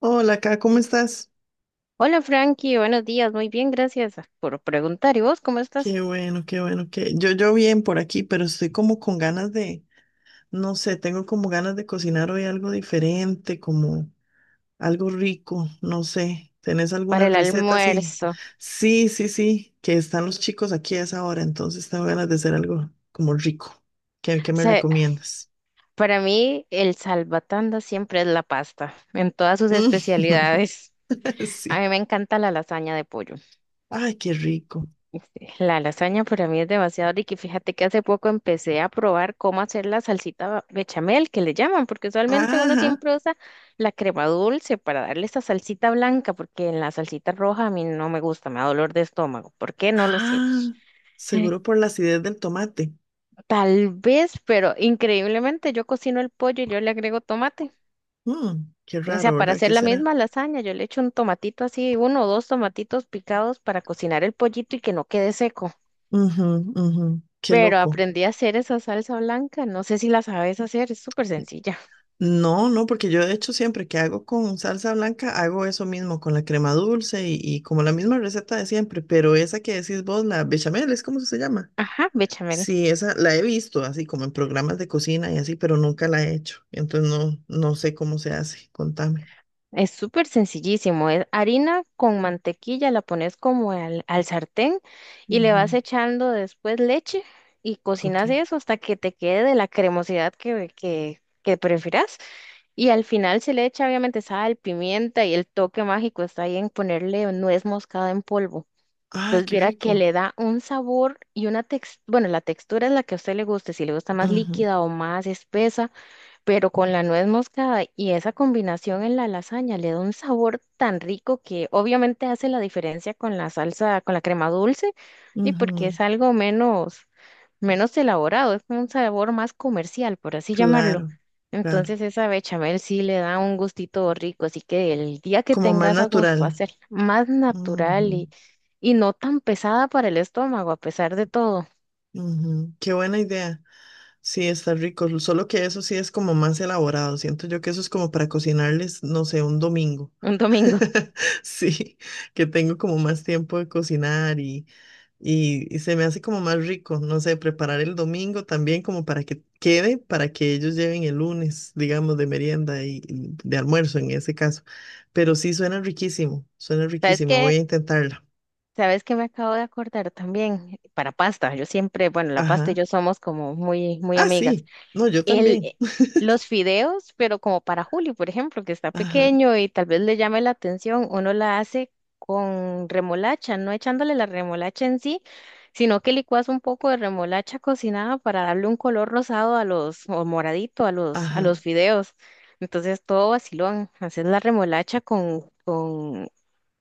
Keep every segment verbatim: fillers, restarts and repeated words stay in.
Hola, acá, ¿cómo estás? Hola Frankie, buenos días, muy bien, gracias por preguntar. ¿Y vos cómo estás? Qué bueno, qué bueno, que yo yo bien por aquí, pero estoy como con ganas de, no sé, tengo como ganas de cocinar hoy algo diferente, como algo rico, no sé. ¿Tenés alguna Para el receta? Sí, almuerzo. O sí, sí, sí, que están los chicos aquí a esa hora, entonces tengo ganas de hacer algo como rico. ¿Qué, qué me sea, recomiendas? para mí el salvatanda siempre es la pasta, en todas sus especialidades. A Sí. mí me encanta la lasaña de pollo. Ay, qué rico. Este, La lasaña para mí es demasiado rica y fíjate que hace poco empecé a probar cómo hacer la salsita bechamel, que le llaman, porque usualmente uno Ajá. siempre usa la crema dulce para darle esa salsita blanca, porque en la salsita roja a mí no me gusta, me da dolor de estómago. ¿Por qué? No lo sé. Ah, seguro por la acidez del tomate. Tal vez, pero increíblemente yo cocino el pollo y yo le agrego tomate. Mm, qué O sea, raro, para ¿verdad? hacer ¿Qué la será? misma lasaña, yo le echo un tomatito así, uno o dos tomatitos picados para cocinar el pollito y que no quede seco. Ujú, ujú, qué Pero loco. aprendí a hacer esa salsa blanca, no sé si la sabes hacer, es súper sencilla. No, no, porque yo de hecho siempre que hago con salsa blanca hago eso mismo, con la crema dulce y, y como la misma receta de siempre, pero esa que decís vos, la bechamel, ¿es cómo se llama? Ajá, bechamel. Sí, esa la he visto así como en programas de cocina y así, pero nunca la he hecho. Entonces no, no sé cómo se hace. Contame. Es súper sencillísimo, es harina con mantequilla, la pones como al, al sartén y le vas Ujú, echando después leche y ok. cocinas eso hasta que te quede de la cremosidad que, que, que prefieras. Y al final se le echa obviamente sal, pimienta y el toque mágico está ahí en ponerle nuez moscada en polvo. Ay, Entonces qué viera que rico. le da un sabor y una textura, bueno, la textura es la que a usted le guste, si le gusta más Ujú, líquida o más espesa, pero con la nuez moscada y esa combinación en la lasaña le da un sabor tan rico que obviamente hace la diferencia con la salsa, con la crema dulce, y porque ujú, es algo menos, menos elaborado, es un sabor más comercial, por así llamarlo. claro, claro. Entonces esa bechamel sí le da un gustito rico, así que el día que Como más tengas a gusto natural. hacer más natural Ujú, y, y no tan pesada para el estómago, a pesar de todo, ujú, qué buena idea. Sí, está rico, solo que eso sí es como más elaborado. Siento yo que eso es como para cocinarles, no sé, un domingo. un domingo. Sí, que tengo como más tiempo de cocinar y, y, y se me hace como más rico, no sé, preparar el domingo también como para que quede, para que ellos lleven el lunes, digamos, de merienda y y de almuerzo en ese caso. Pero sí suena riquísimo, suena ¿Sabes riquísimo. Voy a qué? intentarla. ¿Sabes qué me acabo de acordar también? Para pasta, yo siempre, bueno, la pasta y Ajá. yo somos como muy, muy Ah, amigas. sí. No, yo El, también. eh, los fideos, pero como para Juli, por ejemplo, que está Ajá, pequeño y tal vez le llame la atención, uno la hace con remolacha, no echándole la remolacha en sí, sino que licuas un poco de remolacha cocinada para darle un color rosado a los, o moradito a los, a los ajá. fideos. Entonces todo vacilón, haces la remolacha con, con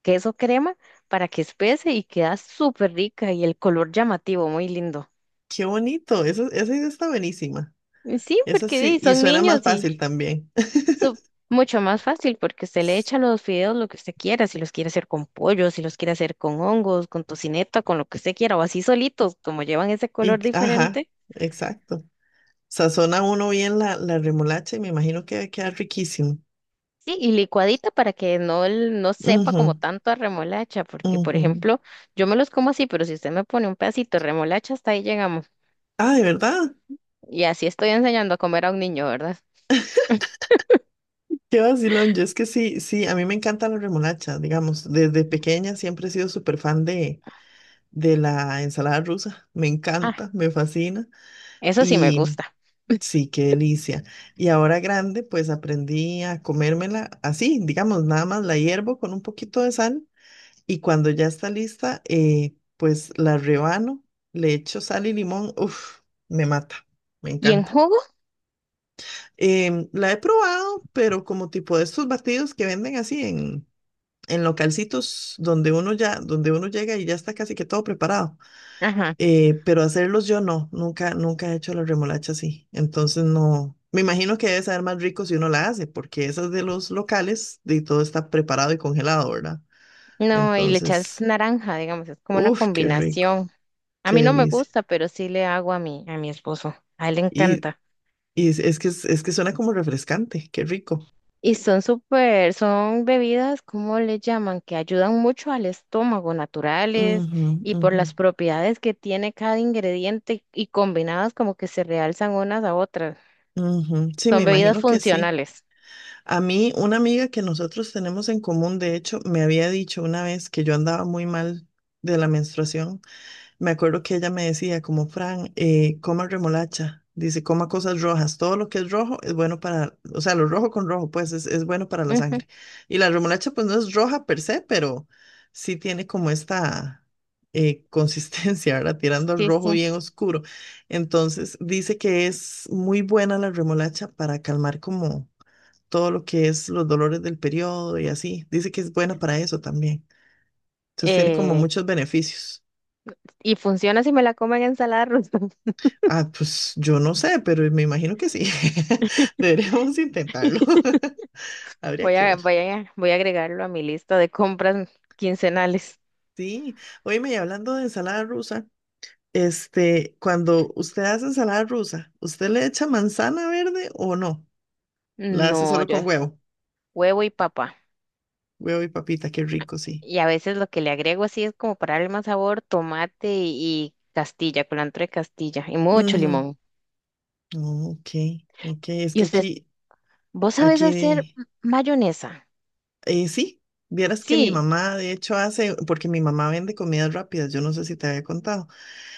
queso crema para que espese y queda súper rica y el color llamativo, muy lindo. Qué bonito. Esa, esa idea está buenísima. Y sí, Eso porque sí, sí, y son suena más niños y fácil también. su- mucho más fácil porque usted le echa los fideos lo que usted quiera, si los quiere hacer con pollo, si los quiere hacer con hongos, con tocineta, con lo que usted quiera o así solitos, como llevan ese Y, color ajá, diferente. exacto. Sazona uno bien la, la remolacha y me imagino que va a quedar riquísimo. Sí, y licuadita para que no, el- no sepa Ujú, como tanto a remolacha, porque por ujú. ejemplo, yo me los como así, pero si usted me pone un pedacito de remolacha, hasta ahí llegamos. Ah, de verdad. Y así estoy enseñando a comer a un niño, ¿verdad? Qué vacilón. Yo es que sí, sí, a mí me encanta la remolacha, digamos. Desde pequeña siempre he sido súper fan de, de la ensalada rusa. Me encanta, me fascina. Eso sí me Y gusta. sí, qué delicia. Y ahora grande, pues aprendí a comérmela así, digamos, nada más la hiervo con un poquito de sal. Y cuando ya está lista, eh, pues la rebano, le echo sal y limón. Uf, me mata, me ¿Y en encanta. jugo? Em, la he probado, pero como tipo de estos batidos que venden así en, en localcitos donde uno ya, donde uno llega y ya está casi que todo preparado. Ajá. Eh, pero hacerlos yo no, nunca, nunca he hecho la remolacha así. Entonces no, me imagino que debe saber más rico si uno la hace, porque esas de los locales, de todo está preparado y congelado, ¿verdad? No, y le echas Entonces, naranja, digamos, es como una uff, qué rico. combinación. A Qué mí no me delicia. gusta, pero sí le hago a mi, a mi esposo. A él le Y, encanta. y es es que, es, es que suena como refrescante, qué rico. Y son súper, son bebidas, ¿cómo le llaman? Que ayudan mucho al estómago, naturales, Ujú, y por ujú, las propiedades que tiene cada ingrediente y combinadas como que se realzan unas a otras. ujú. Sí, me Son bebidas imagino que sí. funcionales. A mí, una amiga que nosotros tenemos en común, de hecho, me había dicho una vez que yo andaba muy mal de la menstruación. Me acuerdo que ella me decía, como Fran, eh, coma remolacha, dice, coma cosas rojas, todo lo que es rojo es bueno para, o sea, lo rojo con rojo, pues es, es bueno para la Ujú, sangre. Y la remolacha, pues no es roja per se, pero sí tiene como esta eh, consistencia, ¿verdad? Tirando al sí, rojo sí. bien oscuro. Entonces, dice que es muy buena la remolacha para calmar como todo lo que es los dolores del periodo y así. Dice que es buena para eso también. Entonces, tiene como muchos beneficios. Y funciona si me la como en ensalada rusa. Ah, pues yo no sé, pero me imagino que sí. Deberíamos intentarlo. Habría Voy que a, ver. Voy a, voy a agregarlo a mi lista de compras quincenales. Sí. Óyeme, y hablando de ensalada rusa, este, cuando usted hace ensalada rusa, ¿usted le echa manzana verde o no? La hace No, solo con yo, huevo. huevo y papa. Huevo y papita, qué rico, sí. Y a veces lo que le agrego así es como para darle más sabor, tomate y, y castilla, culantro de castilla y mucho Ujú. limón. Ok, ok. Es Y que usted, aquí, ¿vos sabés hacer aquí. m- mayonesa? Eh, sí, vieras que mi Sí, mamá, de hecho, hace, porque mi mamá vende comidas rápidas, yo no sé si te había contado.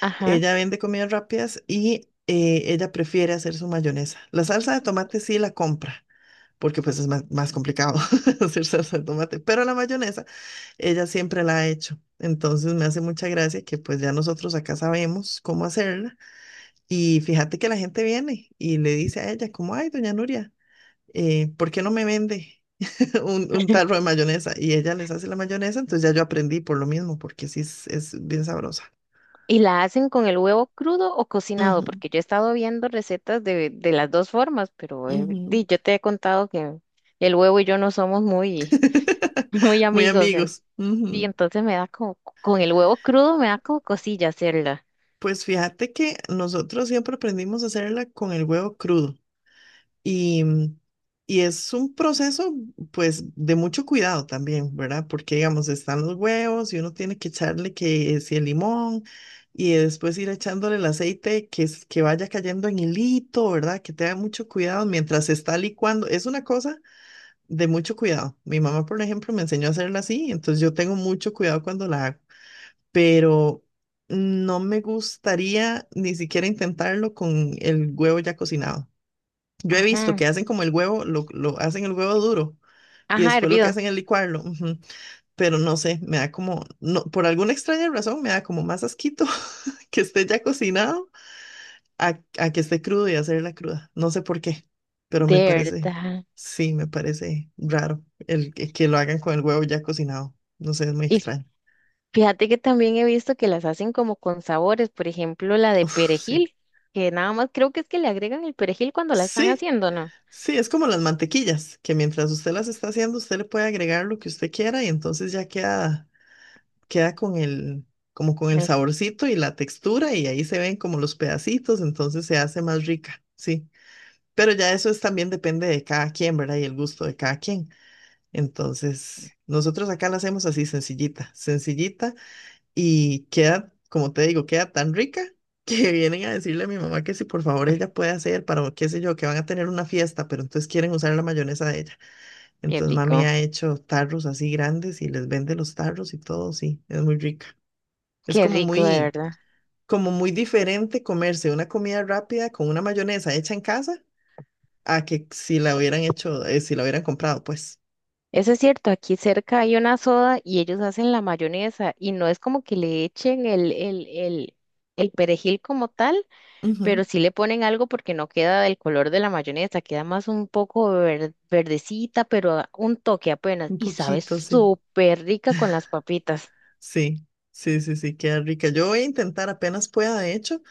ajá. Ella vende comidas rápidas y eh, ella prefiere hacer su mayonesa. La salsa de tomate sí la compra, porque pues es más, más complicado hacer salsa de tomate, pero la mayonesa ella siempre la ha hecho. Entonces me hace mucha gracia que pues ya nosotros acá sabemos cómo hacerla. Y fíjate que la gente viene y le dice a ella, como, ay, doña Nuria, eh, ¿por qué no me vende un, un tarro de mayonesa? Y ella les hace la mayonesa, entonces ya yo aprendí por lo mismo, porque sí es, es bien sabrosa. ¿Y la hacen con el huevo crudo o cocinado? Ujú, Porque yo he estado viendo recetas de, de las dos formas, pero eh, ujú. di, yo te he contado que el huevo y yo no somos muy, muy Muy amigos. en- amigos. Y Ujú. entonces me da como, con el huevo crudo me da como cosilla hacerla. Pues fíjate que nosotros siempre aprendimos a hacerla con el huevo crudo. Y, y es un proceso, pues, de mucho cuidado también, ¿verdad? Porque, digamos, están los huevos y uno tiene que echarle que si el limón y después ir echándole el aceite que, es- que vaya cayendo en hilito, ¿verdad? Que tenga mucho cuidado mientras se está licuando. Es una cosa de mucho cuidado. Mi mamá, por ejemplo, me enseñó a hacerla así, entonces yo tengo mucho cuidado cuando la hago, pero no me gustaría ni siquiera intentarlo con el huevo ya cocinado. Yo he visto Ajá, que hacen como el huevo, lo, lo hacen el huevo duro y ajá, después lo que hervido. hacen es licuarlo, ujú. Pero no sé, me da como, no, por alguna extraña razón, me da como más asquito que esté ya cocinado a, a que esté crudo y hacerla cruda. No sé por qué, pero me De parece, verdad. sí, me parece raro el que, que lo hagan con el huevo ya cocinado. No sé, es muy Y extraño. fíjate que también he visto que las hacen como con sabores, por ejemplo, la de Uf, sí. perejil, que nada más creo que es que le agregan el perejil cuando la están Sí, haciendo, ¿no? sí, es como las mantequillas, que mientras usted las está haciendo, usted le puede agregar lo que usted quiera y entonces ya queda queda con el, como con el El- saborcito y la textura y ahí se ven como los pedacitos, entonces se hace más rica, sí. Pero ya eso es también depende de cada quien, ¿verdad? Y el gusto de cada quien. Entonces, nosotros acá la hacemos así sencillita, sencillita y queda, como te digo, queda tan rica que vienen a decirle a mi mamá que si por favor ella puede hacer para, qué sé yo, que van a tener una fiesta, pero entonces quieren usar la mayonesa de ella. Qué Entonces mami rico, ha hecho tarros así grandes y les vende los tarros y todo, sí, es muy rica. Es qué como rico, de muy, verdad. como muy diferente comerse una comida rápida con una mayonesa hecha en casa a que si la hubieran hecho, eh, si la hubieran comprado, pues. Eso es cierto, aquí cerca hay una soda y ellos hacen la mayonesa y no es como que le echen el, el, el, el perejil como tal, Ujú, pero sí le ponen algo porque no queda del color de la mayonesa, queda más un poco ver- verdecita, pero un toque apenas un y sabe poquito, sí. súper rica con las papitas. Sí, sí, sí, sí, queda rica. Yo voy a intentar apenas pueda, de hecho,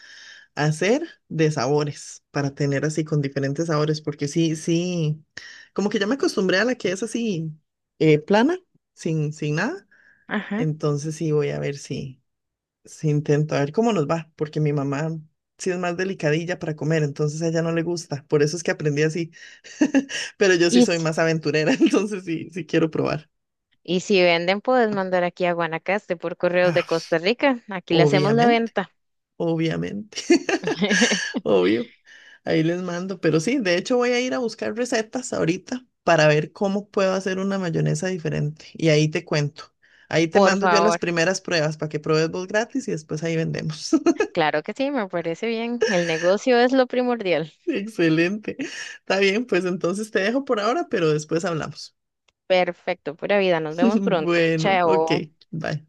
hacer de sabores para tener así con diferentes sabores, porque sí, sí, como que ya me acostumbré a la que es así eh, plana, sin, sin nada. Ajá. Entonces sí, voy a ver si. Sí, intento a ver cómo nos va, porque mi mamá sí es más delicadilla para comer, entonces a ella no le gusta, por eso es que aprendí así, pero yo sí Y soy si, más aventurera, entonces sí, sí quiero probar. y si venden, puedes mandar aquí a Guanacaste por correos Ah, de pues, Costa Rica, aquí le hacemos la obviamente, venta. obviamente, obvio. Ahí les mando, pero sí, de hecho voy a ir a buscar recetas ahorita para ver cómo puedo hacer una mayonesa diferente y ahí te cuento. Ahí te Por mando yo las favor. primeras pruebas para que pruebes vos gratis y después ahí vendemos. Claro que sí, me parece bien. El negocio es lo primordial. Excelente. Está bien, pues entonces te dejo por ahora, pero después hablamos. Perfecto, pura vida. Nos vemos pronto. Bueno, ok, Chao. bye.